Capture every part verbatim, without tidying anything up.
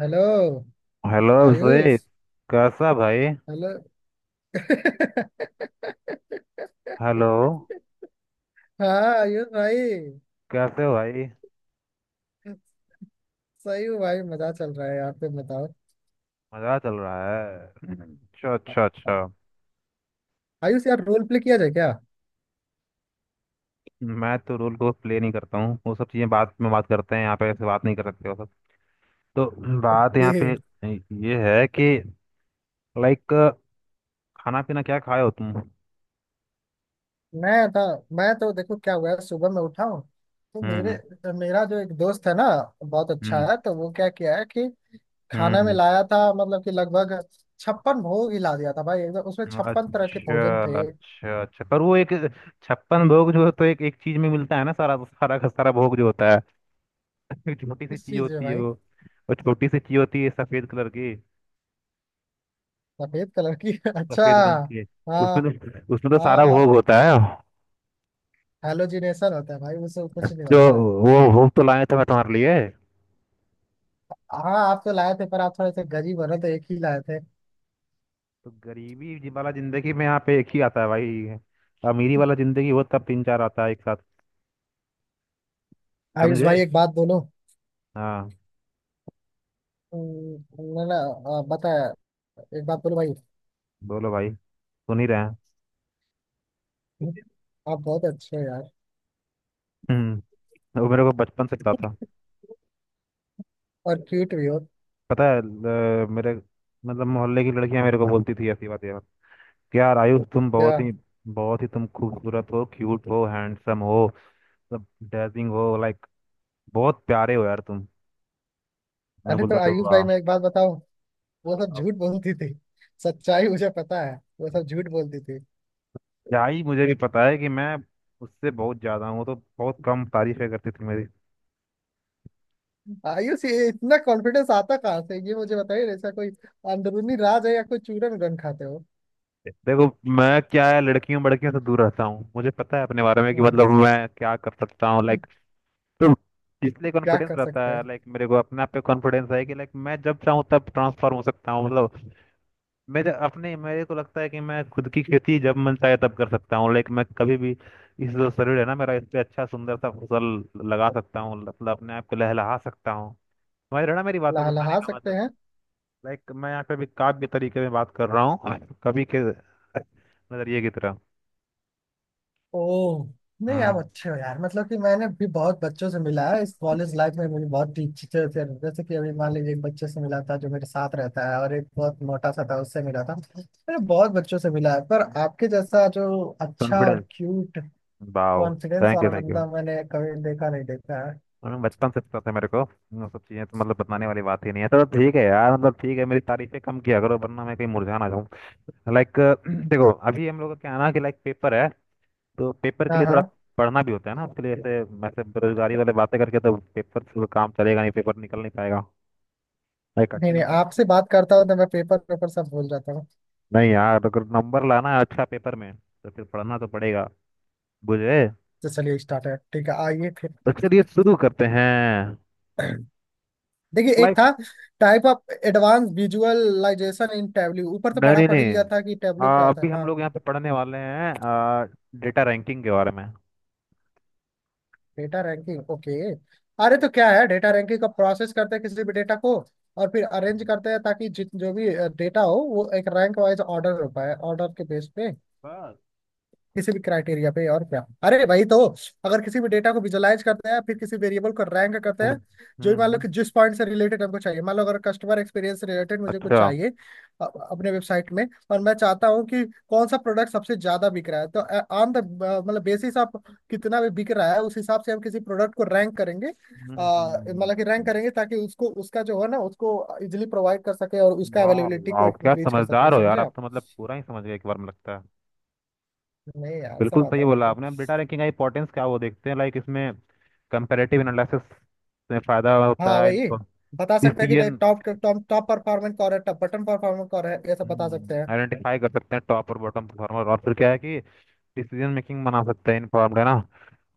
Hello hello Ayush. Abhishek. कैसा भाई? Hello. Hello. हाँ। आयुष भाई। कैसे हो भाई? सही हूँ भाई। मजा चल रहा है यार। तुम बताओ। मजा चल रहा है। अच्छा अच्छा अच्छा। आयुष यार, रोल प्ले किया जाए क्या? मैं तो रोल को प्ले नहीं करता हूँ। वो सब चीज़ें बात में बात करते हैं, यहाँ पे ऐसे बात नहीं करते हो सब। तो बात यहाँ ये। पे ये है कि लाइक खाना पीना क्या खाए हो तुम? मैं था। मैं तो देखो क्या हुआ है, सुबह मैं उठा हूँ। तो मेरे हम्म। मेरा जो एक दोस्त है ना बहुत अच्छा हम्म। है। तो वो क्या किया है कि खाना में हम्म। लाया था, मतलब कि लगभग छप्पन भोग ही ला दिया था भाई। एकदम उसमें हम्म। छप्पन तरह के भोजन थे। अच्छा अच्छा अच्छा, पर वो एक छप्पन भोग जो तो एक एक चीज में मिलता है ना। सारा सारा का सारा भोग जो होता है, एक छोटी सी किस चीज चीज में होती है भाई? वो। और छोटी सी चीज होती है सफेद कलर की। सफेद कलर की। अच्छा। सफेद रंग की। हाँ। उसमें तो उसमें तो सारा हाँ। भोग होता है। हेलोजिनेशन होता है भाई, उससे कुछ नहीं जो होता है। वो भोग तो लाए थे मैं तुम्हारे लिए। हाँ आप तो लाए थे पर आप थोड़े से गरीब हो रहे तो एक ही लाए थे। तो गरीबी जी- वाला जिंदगी में यहाँ पे एक ही आता है भाई। अमीरी वाला जिंदगी हो तब तीन चार आता है एक साथ। आयुष समझे? भाई, एक बात बोलो। हाँ, हम्म। ना, ना। आ, बताया। एक बात बोलो भाई। बोलो भाई, सुन ही रहे हैं। आप बहुत अच्छे हो यार। हम्म। वो मेरे को बचपन से पता था। और क्यूट भी हो। पता है ल- मेरे मतलब मोहल्ले की लड़कियां मेरे को बोलती थी ऐसी बातें यार। यार आयुष तुम बहुत क्या? ही बहुत ही, तुम खूबसूरत हो, क्यूट हो, हैंडसम हो, मतलब डेजिंग हो, लाइक बहुत प्यारे हो यार तुम। मैं अरे तो बोलता था आयुष भाई, वाह। मैं एक बात बताऊं। वो सब अब झूठ बोलती थी। सच्चाई मुझे पता है। वो सब झूठ बोलती थी। क्या ही, मुझे भी पता है कि मैं उससे बहुत ज्यादा हूँ। वो तो बहुत कम तारीफें करती थी मेरी। आयुष, ये इतना कॉन्फिडेंस आता कहाँ से? ये मुझे बताइए। ऐसा कोई अंदरूनी राज है या कोई चूरन गन खाते हो? देखो, मैं क्या है, लड़कियों बड़कियों से दूर रहता हूँ। मुझे पता है अपने बारे में कि हम्म। मतलब मैं क्या कर सकता हूँ, लाइक। तो इसलिए क्या कॉन्फिडेंस कर रहता सकते है। हैं? लाइक मेरे को अपने आप पे कॉन्फिडेंस है कि लाइक मैं जब चाहूँ तब ट्रांसफॉर्म हो सकता हूँ, मतलब। मेरे अपने मेरे को लगता है कि मैं खुद की खेती जब मन चाहे तब कर सकता हूँ। लेकिन मैं कभी भी इस जो शरीर है ना मेरा, इस पे अच्छा सुंदर सा फसल लगा सकता हूँ, मतलब अपने आप को लहलहा सकता हूँ। समझ रहे हो ना मेरी बातों को कहने लहलहा का सकते मतलब? हैं? लाइक मैं यहाँ पे भी काव्य तरीके में बात कर रहा हूँ, कवि के नजरिए की तरह। ओह। नहीं आप हम्म। अच्छे हो यार। मतलब कि मैंने भी बहुत बच्चों से मिला है इस कॉलेज लाइफ में। मुझे बहुत टीचर थे, जैसे कि अभी मान लीजिए एक बच्चे से मिला था जो मेरे साथ रहता है, और एक बहुत मोटा सा था उससे मिला था। मैंने बहुत बच्चों से मिला है, पर आपके जैसा जो अच्छा और confidence. Cute wow. Confidence thank you वाला थैंक यू। बंदा मैंने कभी देखा नहीं, देखा है। मैं बचपन से पता था मेरे को। वो सब चीजें तो मतलब बताने वाली बात ही नहीं है। तो ठीक है यार, मतलब ठीक है, मेरी तारीफें कम किया करो वरना मैं कहीं मुरझा ना जाऊँ। लाइक देखो, अभी हम लोग का क्या है ना कि लाइक पेपर है। तो पेपर के हाँ। लिए हाँ। थोड़ा पढ़ना भी होता है ना। उसके लिए ऐसे वैसे बेरोजगारी वाले बातें करके तो पेपर से तो काम चलेगा नहीं, पेपर निकल नहीं पाएगा। लाइक नहीं, अच्छे नहीं, नंबर। आपसे बात करता हूँ तो मैं पेपर पेपर सब भूल जाता हूँ। नहीं यार, अगर नंबर लाना है अच्छा पेपर में तो फिर पढ़ना तो पड़ेगा। बुझे? तो चलिए स्टार्ट है, ठीक है, आइए फिर। तो चलिए शुरू करते हैं। देखिए एक Like, था type of advance visualization in Tableau. ऊपर तो नहीं पढ़ा नहीं पढ़ ही लिया नहीं। था कि टैबल्यू क्या आ, होता अभी है। हम हाँ। लोग यहाँ पे पढ़ने वाले हैं आ, डेटा रैंकिंग के बारे में। Data ranking. ओके। अरे तो क्या है डेटा रैंकिंग का? प्रोसेस करते हैं किसी भी डेटा को और फिर अरेंज करते हैं ताकि जित जो भी डेटा हो वो एक रैंक वाइज ऑर्डर हो पाए, ऑर्डर के बेस पे, बस। किसी भी क्राइटेरिया पे। और क्या? अरे भाई तो अगर किसी भी डेटा को विजुलाइज करते हैं फिर किसी वेरिएबल को रैंक करते हम्म। हैं। बस। जो भी मान लो हम्म। कि जिस पॉइंट से रिलेटेड हमको चाहिए, मान लो अगर कस्टमर एक्सपीरियंस से रिलेटेड मुझे कुछ अच्छा। चाहिए अ- अपने वेबसाइट में, और मैं चाहता हूँ कि कौन सा प्रोडक्ट सबसे ज्यादा बिक रहा है, तो ऑन द मतलब बेसिस ऑफ कितना भी बिक रहा है उस हिसाब से हम किसी प्रोडक्ट को रैंक करेंगे। अ, हम्म। मतलब कि रैंक करेंगे ताकि उसको, उसका जो है ना, उसको इजिली प्रोवाइड कर सके और उसका वाह अवेलेबिलिटी को वाह, क्या इंक्रीज कर सके। समझदार हो समझे यार आप आप? तो, मतलब पूरा ही समझ गए एक बार में लगता है। नहीं यार, सब बिल्कुल आता सही है मेरे बोला को। आपने। अब डेटा रैंकिंग का इंपॉर्टेंस क्या, वो देखते हैं। लाइक इसमें कंपैरेटिव एनालिसिस में फायदा हाँ होता है। वही, बता सकते हैं कि नहीं, decision top top top performance कौन है, टॉप बटन परफॉर्मेंस कौन है, ये सब बता सकते हैं। आइडेंटिफाई कर सकते हैं टॉप और बॉटम परफॉर्मर। और फिर क्या है कि डिसीजन मेकिंग बना सकते हैं, इन्फॉर्म्ड, है ना,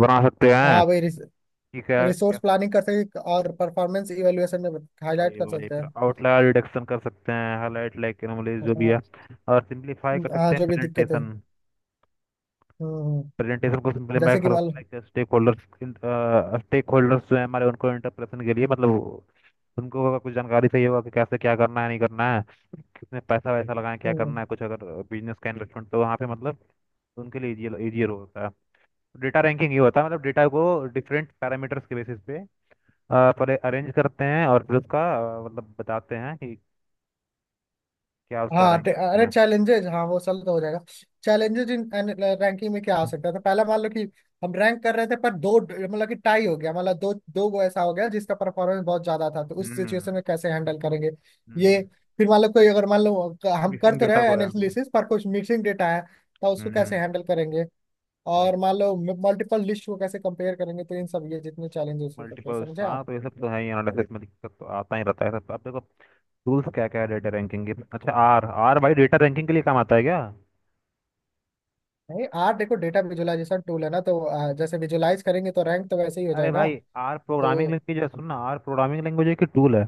बना सकते हैं। हाँ वही, रिस, ठीक है क्या? रिसोर्स प्लानिंग कर सकते हैं और परफॉर्मेंस इवेलुएशन में हाईलाइट भाई कर भाई, सकते फिर हैं। आउटलायर रिडक्शन कर सकते हैं, हाईलाइट लाइक एनोमलीज जो भी है। हाँ, और सिंपलीफाई कर हाँ, सकते हैं जो भी दिक्कत है। प्रेजेंटेशन। हम्म। हम्म। प्रेजेंटेशन को सिंपलीफाई जैसे कि कर मान लो। सकते हैं स्टेक होल्डर्स। स्टेक होल्डर्स जो है हमारे, उनको इंटरप्रेशन के लिए, मतलब उनको अगर कुछ जानकारी चाहिए होगा कि कैसे क्या करना है, नहीं करना है, कितने पैसा वैसा लगाएं, क्या हम्म। करना है, कुछ अगर बिजनेस का इन्वेस्टमेंट, तो वहाँ पे मतलब उनके लिए इजी इजियर होता है। डेटा रैंकिंग ये होता है मतलब डेटा को डिफरेंट पैरामीटर्स के बेसिस पे अ, पर अरेंज करते हैं और फिर उसका अ, मतलब बताते हैं कि क्या उसका हाँ रैंक टे- अरे था। चैलेंजेज, हाँ वो सल तो हो जाएगा। चैलेंजेज इन रैंकिंग में क्या आ सकता था? पहला, मान लो कि हम रैंक कर रहे थे पर दो, मतलब कि टाई हो गया, मतलब दो दो गो ऐसा हो गया जिसका परफॉर्मेंस बहुत ज्यादा था, तो उस हम्म। सिचुएशन में कैसे हैंडल करेंगे? ये। फिर मान लो कोई अगर मान लो क- हम कर मिसिंग तो डेटा रहे को है। एनालिसिस पर कुछ मिसिंग डेटा है, तो उसको हम्म। कैसे हैंडल करेंगे? भाई और मान लो मल्टीपल लिस्ट को कैसे कंपेयर करेंगे, तो इन सब ये जितने चैलेंजेस हो सकते हैं, मल्टीपल। समझे हाँ आप? तो ये सब तो है ही, एनालिसिस में दिक्कत तो आता ही रहता है सब। अब देखो टूल्स क्या क्या है डेटा रैंकिंग के। अच्छा आर, आर भाई डेटा रैंकिंग के लिए काम आता है क्या? नहीं आर देखो, डेटा विजुअलाइजेशन टूल है ना, तो अ, जैसे विजुलाइज करेंगे तो रैंक तो वैसे ही हो अरे जाएगा। भाई, आर प्रोग्रामिंग तो लैंग्वेज है, सुन ना, आर प्रोग्रामिंग लैंग्वेज की टूल है।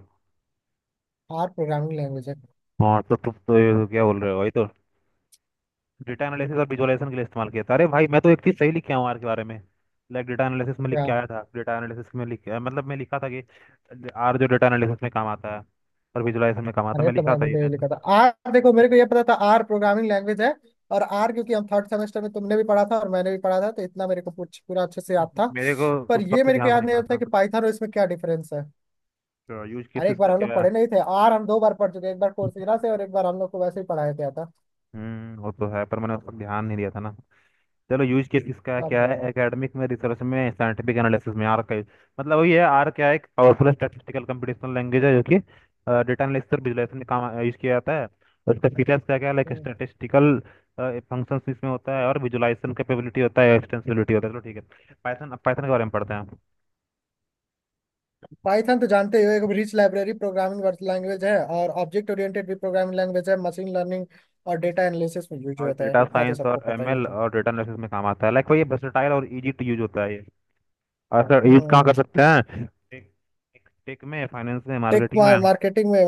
आर प्रोग्रामिंग लैंग्वेज है हाँ तो तुम तो ये क्या बोल रहे हो भाई? तो डेटा एनालिसिस और विजुअलाइजेशन के लिए इस्तेमाल किया था। अरे भाई, मैं तो एक चीज़ सही लिख के आऊँ आर के बारे में। लाइक डेटा एनालिसिस में लिख क्या? के आया था, डेटा एनालिसिस में लिख अ, मतलब मैं लिखा था कि आर जो डेटा एनालिसिस में काम आता है और विजुअलाइजेशन में काम आता है, अरे मैं तो लिखा मैं था भी ये तो ये मैं। लिखा था आर। देखो मेरे को ये पता था आर प्रोग्रामिंग लैंग्वेज है। और आर क्योंकि हम थर्ड सेमेस्टर में तुमने भी पढ़ा था और मैंने भी पढ़ा था, तो इतना मेरे को पूछ पूरा अच्छे से याद था। मेरे को पर उस ये वक्त मेरे को ध्यान से याद नहीं नहीं पड़ा होता था। कि पाइथन और इसमें क्या डिफरेंस है। यूज केस अरे एक इसका बार हम लोग क्या है? पढ़े नहीं थे आर? हम दो बार पढ़ चुके, एक बार कोर्सेरा से और एक बार हम लोग को वैसे ही पढ़ाया गया था। हम्म वो तो है, पर मैंने उस पर ध्यान नहीं दिया था ना। चलो यूज केस इसका अब क्या है? जगह। एकेडमिक में, रिसर्च में, साइंटिफिक एनालिसिस में आर का use- मतलब वही है। आर क्या है? एक पावरफुल स्टैटिस्टिकल कंप्यूटेशनल लैंग्वेज है जो कि डेटा एनालिसिस और विजुलाइजेशन में काम यूज किया जाता है। और इसका फीचर्स क्या क्या है, लाइक स्टैटिस्टिकल फंक्शंस इसमें होता है और विजुलाइजेशन कैपेबिलिटी होता है, एक्सटेंसिबिलिटी होता है। चलो ठीक है पाइथन, अब पाइथन के बारे में पढ़ते हैं। पाइथन तो जानते ही हो, एक रिच लाइब्रेरी प्रोग्रामिंग लैंग्वेज है और ऑब्जेक्ट ओरिएंटेड भी प्रोग्रामिंग लैंग्वेज है। मशीन लर्निंग और डेटा एनालिसिस में यूज और होता है, डेटा इतना तो साइंस सबको और पता ही एम एल होता और डेटा एनालिसिस में काम आता है, लाइक वही वर्सेटाइल और इजी टू यूज होता है ये। और सर यूज कहाँ कर है। सकते हैं, टेक? टेक में, फाइनेंस में, टेक, मार्केटिंग में। मार्केटिंग में,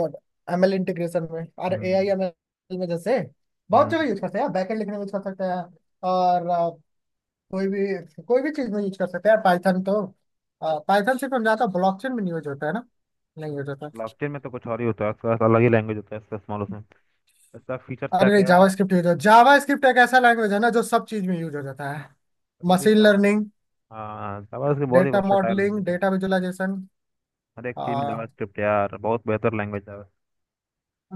एमएल इंटीग्रेशन में और हम्म। एआई एमएल में, जैसे बहुत हम्म। जगह यूज करते हैं। बैकएंड लिखने में यूज कर सकते हैं। और अ, कोई भी कोई भी चीज में यूज कर सकते हैं पाइथन तो। पाइथन सिर्फ हम जानते हैं ब्लॉकचेन में नहीं यूज होता है ना। नहीं यूज होता। ब्लॉकचेन में तो कुछ और ही होता है, उसका अलग ही लैंग्वेज होता है, इसका स्मॉल उसमें। इसका फीचर्स क्या अरे नहीं क्या जावा है? स्क्रिप्ट यूज हो। जावा स्क्रिप्ट एक ऐसा लैंग्वेज है ना जो सब चीज में यूज हो जाता है। क्योंकि मशीन जावा, लर्निंग, हाँ जावा इसकी बहुत ही डेटा वर्सेटाइल मॉडलिंग, लैंग्वेज है। Data visualisation. हर एक चीज़ में जावा स्क्रिप्ट यार बहुत बेहतर लैंग्वेज है।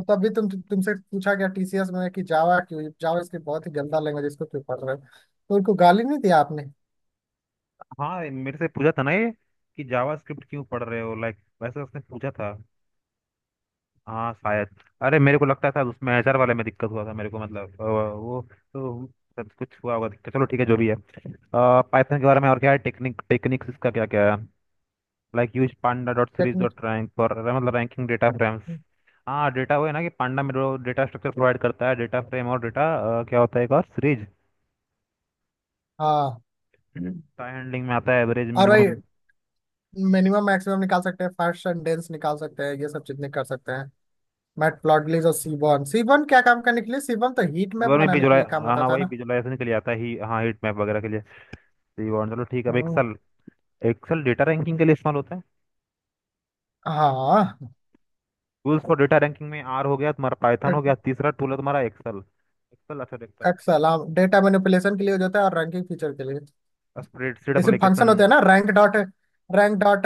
तभी तुम तुमसे पूछा गया टीसीएस में कि जावा क्यों, जावा स्क्रिप्ट बहुत ही गंदा लैंग्वेज इसको क्यों पढ़ रहे हो? तो उनको गाली नहीं दिया आपने? हाँ मेरे से पूछा था ना ये कि जावा स्क्रिप्ट क्यों पढ़ रहे हो, लाइक वैसे उसने पूछा था। हाँ शायद। अरे मेरे को लगता था उसमें एच आर वाले में दिक्कत हुआ था मेरे को, मतलब अ, वो तो सब कुछ हुआ होगा दिक्कत। चलो ठीक है जो भी है। पाइथन के बारे में और क्या है, टेक्निक, टेक्निक्स इसका क्या क्या है? Like use panda dot series technique. Dot rank for मतलब रैंकिंग डेटा फ्रेम्स। हाँ डेटा वो है ना कि पांडा में जो डेटा स्ट्रक्चर प्रोवाइड करता है डेटा फ्रेम और डेटा क्या होता है, एक और सीरीज। हाँ। टाइम हैंडलिंग में आता है एवरेज और भाई मिनिमम। मिनिमम मैक्सिमम निकाल सकते हैं, फर्स्ट सेंटेंस निकाल सकते हैं, ये सब चीजें कर सकते हैं। मैटप्लॉटलिब और सीबॉन। सीबॉन क्या काम करने के लिए? सीबॉन तो हीट मैप वीवर में बनाने के विजुलाइज, लिए काम आता हाँ था वही ना। विजुलाइजेशन के लिए आता है ही, हाँ हीट मैप वगैरह के लिए। तो ये वाला- चलो ठीक है अब हम्म। एक्सेल। एक्सेल डेटा रैंकिंग के लिए इस्तेमाल होता है। हाँ। टूल्स फॉर डेटा रैंकिंग में आर हो गया तुम्हारा, पाइथन हो गया, तीसरा टूल है तुम्हारा एक्सेल। एक्सेल, अच्छा एक्सेल, एक्सेल। हाँ डेटा मैनिपुलेशन के लिए हो जाता है और रैंकिंग फीचर के लिए। स्प्रेडशीट जैसे फंक्शन एप्लीकेशन, होते हैं ना, rank dot rank dot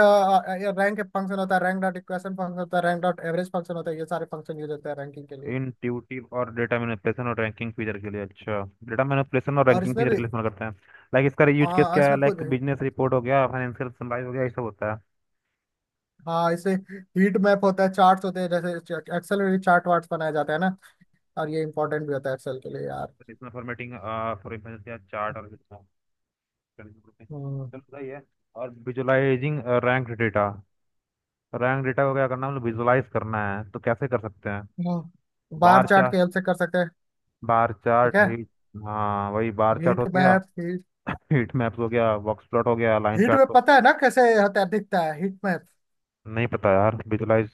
rank function होता है, रैंक डॉट इक्वेशन फंक्शन होता है, रैंक डॉट एवरेज फंक्शन होता है, ये सारे फंक्शन यूज होते हैं रैंकिंग के लिए। इंट्यूटिव और डेटा मैनिपुलेशन और रैंकिंग फीचर के लिए। अच्छा डेटा मैनिपुलेशन और और रैंकिंग इसमें फीचर भी। के लिए इस्तेमाल करते हैं। लाइक इसका यूज केस हाँ क्या है, इसमें खुद। लाइक बिजनेस रिपोर्ट हो गया, फाइनेंशियल समराइज हो गया, ये सब होता है। हाँ इसे। हीट मैप होता है, चार्ट्स होते हैं, जैसे एक्सेल में भी चार्ट वार्ट्स बनाया जाता है ना, और ये इंपॉर्टेंट भी होता है एक्सेल के लिए यार। तो इसमें फॉर्मेटिंग फॉर इंफॉर्मेशन या चार्ट और हम्म। चलो सही है। और visualising rank data, rank data को क्या करना है मतलब विजुअलाइज करना है तो कैसे कर सकते हैं? हम्म। बार बार चार्ट की चार्ट, हेल्प से कर सकते हैं। बार ठीक चार्ट, है। हीट, हाँ वही बार चार्ट हीट हो गया, मैप हीट हीट मैप्स हो गया, बॉक्स प्लॉट हो गया, लाइन हीट चार्ट मैप तो पता है ना, कैसे होता है, दिखता है हीट मैप? नहीं पता यार विजुअलाइज,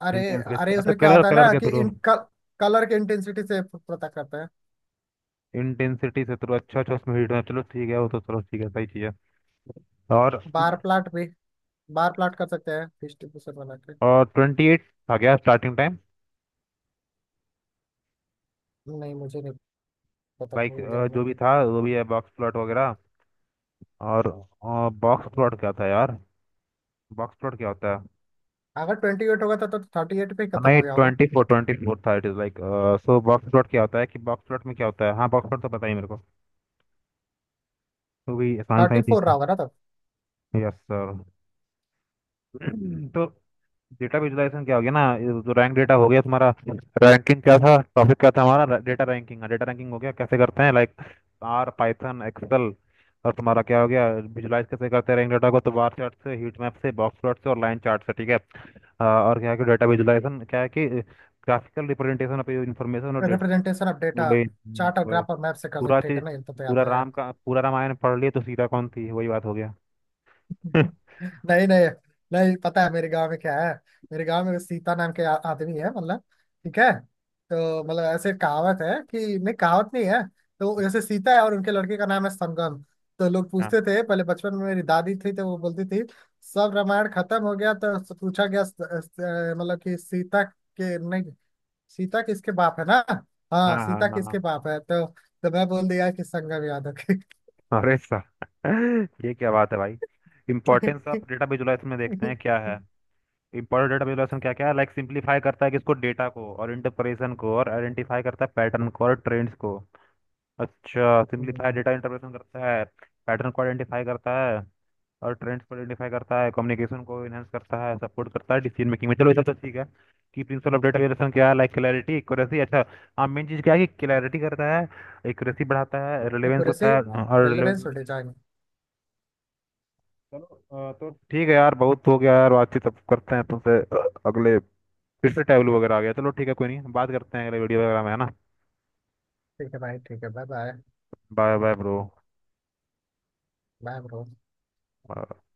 अरे इंटेंस बेस, अरे, अच्छा उसमें क्या कलर होता है कलर ना के कि थ्रू, इन कलर के इंटेंसिटी से पता करते हैं। इंटेंसिटी से थ्रू, अच्छा अच्छा, उसमें हीट है, चलो ठीक है, वो तो चलो ठीक है सही चीज़ है। और बार प्लाट भी बार प्लाट कर सकते हैं डिस्ट्रीब्यूशन बना के। और ट्वेंटी एट आ गया स्टार्टिंग टाइम। नहीं मुझे नहीं पता, बाइक भूल गया अ, मैं। जो भी था वो भी है, बॉक्स प्लॉट वगैरह। और बॉक्स हम्म। प्लॉट क्या था यार? बॉक्स प्लॉट क्या होता है? अगर ट्वेंटी एट होगा तो थर्टी एट पे ही अ, खत्म हो नहीं गया होगा। ट्वेंटी फोर ट्वेंटी फोर था। It is like so box plot क्या होता है कि बॉक्स प्लॉट में क्या होता है, हाँ बॉक्स प्लॉट तो पता ही मेरे को, तो भी आसान था थर्टी ही। ठीक फोर रहा है होगा ना तब। Yes sir. तो डेटा विजुलाइजेशन क्या हो गया ना, ये जो रैंक डेटा हो गया तुम्हारा। रैंकिंग क्या था, टॉपिक क्या था हमारा, डेटा रैंकिंग। डेटा रैंकिंग हो गया कैसे करते हैं, लाइक आर, पाइथन, एक्सेल। और तुम्हारा क्या हो गया विजुलाइज कैसे करते हैं रैंक डेटा को, तो बार चार्ट से, हीट मैप से, बॉक्स प्लॉट से और लाइन चार्ट से, ठीक है। आ, और क्या है कि डेटा विजुलाइजेशन क्या है कि ग्राफिकल रिप्रेजेंटेशन ऑफ इन्फॉर्मेशन और डेटा। Representation of data. वही, हम्म, चार्ट और वही। ग्राफ और मैप से कर पूरा सकते चीज, हैं ना, ये तो, तो पूरा आता है राम यार। का पूरा रामायण पढ़ लिए तो सीता कौन थी, वही बात हो गया। नहीं, नहीं। नहीं, पता है मेरे गांव में क्या है। मेरे गांव में सीता नाम के आ- आदमी है मतलब। ठीक है। तो मतलब ऐसे कहावत है कि नहीं, कहावत नहीं है। तो जैसे सीता है और उनके लड़के का नाम है समगम। तो लोग हाँ पूछते थे पहले, बचपन में मेरी दादी थी तो वो बोलती थी। सब रामायण खत्म हो गया तो पूछा गया अ, अ, मतलब कि सीता के नहीं, सीता किसके बाप है ना? हाँ। हाँ हाँ सीता हाँ। किसके बाप है, तो तो मैं बोल दिया कि संगम यादव के। अरे साहब, ये क्या बात है भाई? इंपॉर्टेंस ऑफ डेटा विजुलाइजेशन में देखते हैं क्या हम्म। है। इंपॉर्टेंट डेटा विजुलाइजेशन क्या क्या है, लाइक सिंप्लीफाई करता है, किसको, डेटा को और इंटरप्रेशन को, और आइडेंटिफाई करता है पैटर्न को और ट्रेंड्स को। अच्छा, सिंप्लीफाई डेटा इंटरप्रेशन करता है, पैटर्न को आइडेंटिफाई करता है और ट्रेंड्स को आइडेंटिफाई करता है, कम्युनिकेशन को इनहेंस करता है, सपोर्ट करता है डिसीजन मेकिंग में। चलो ये सब तो ठीक है कि प्रिंसिपल ऑफ डेटा विजुलाइजेशन क्या है, लाइक क्लैरिटी, एक्यूरेसी। अच्छा हाँ, मेन चीज़ क्या है कि क्लैरिटी करता है, एक्यूरेसी बढ़ाता है, एक रिलेवेंस होता है, हाँ, और रेलवे रिलेवेंस। छोटे जाएंगे। चलो अ, तो ठीक है यार, बहुत हो गया यार बातचीत, अब करते हैं तुमसे अ, अगले। फिर से टैबलू वगैरह आ गया, चलो ठीक है कोई नहीं, बात करते हैं अगले वीडियो वगैरह में, है ना? ठीक है भाई, ठीक है। Bye bye. Bye bye bro. Bye bro.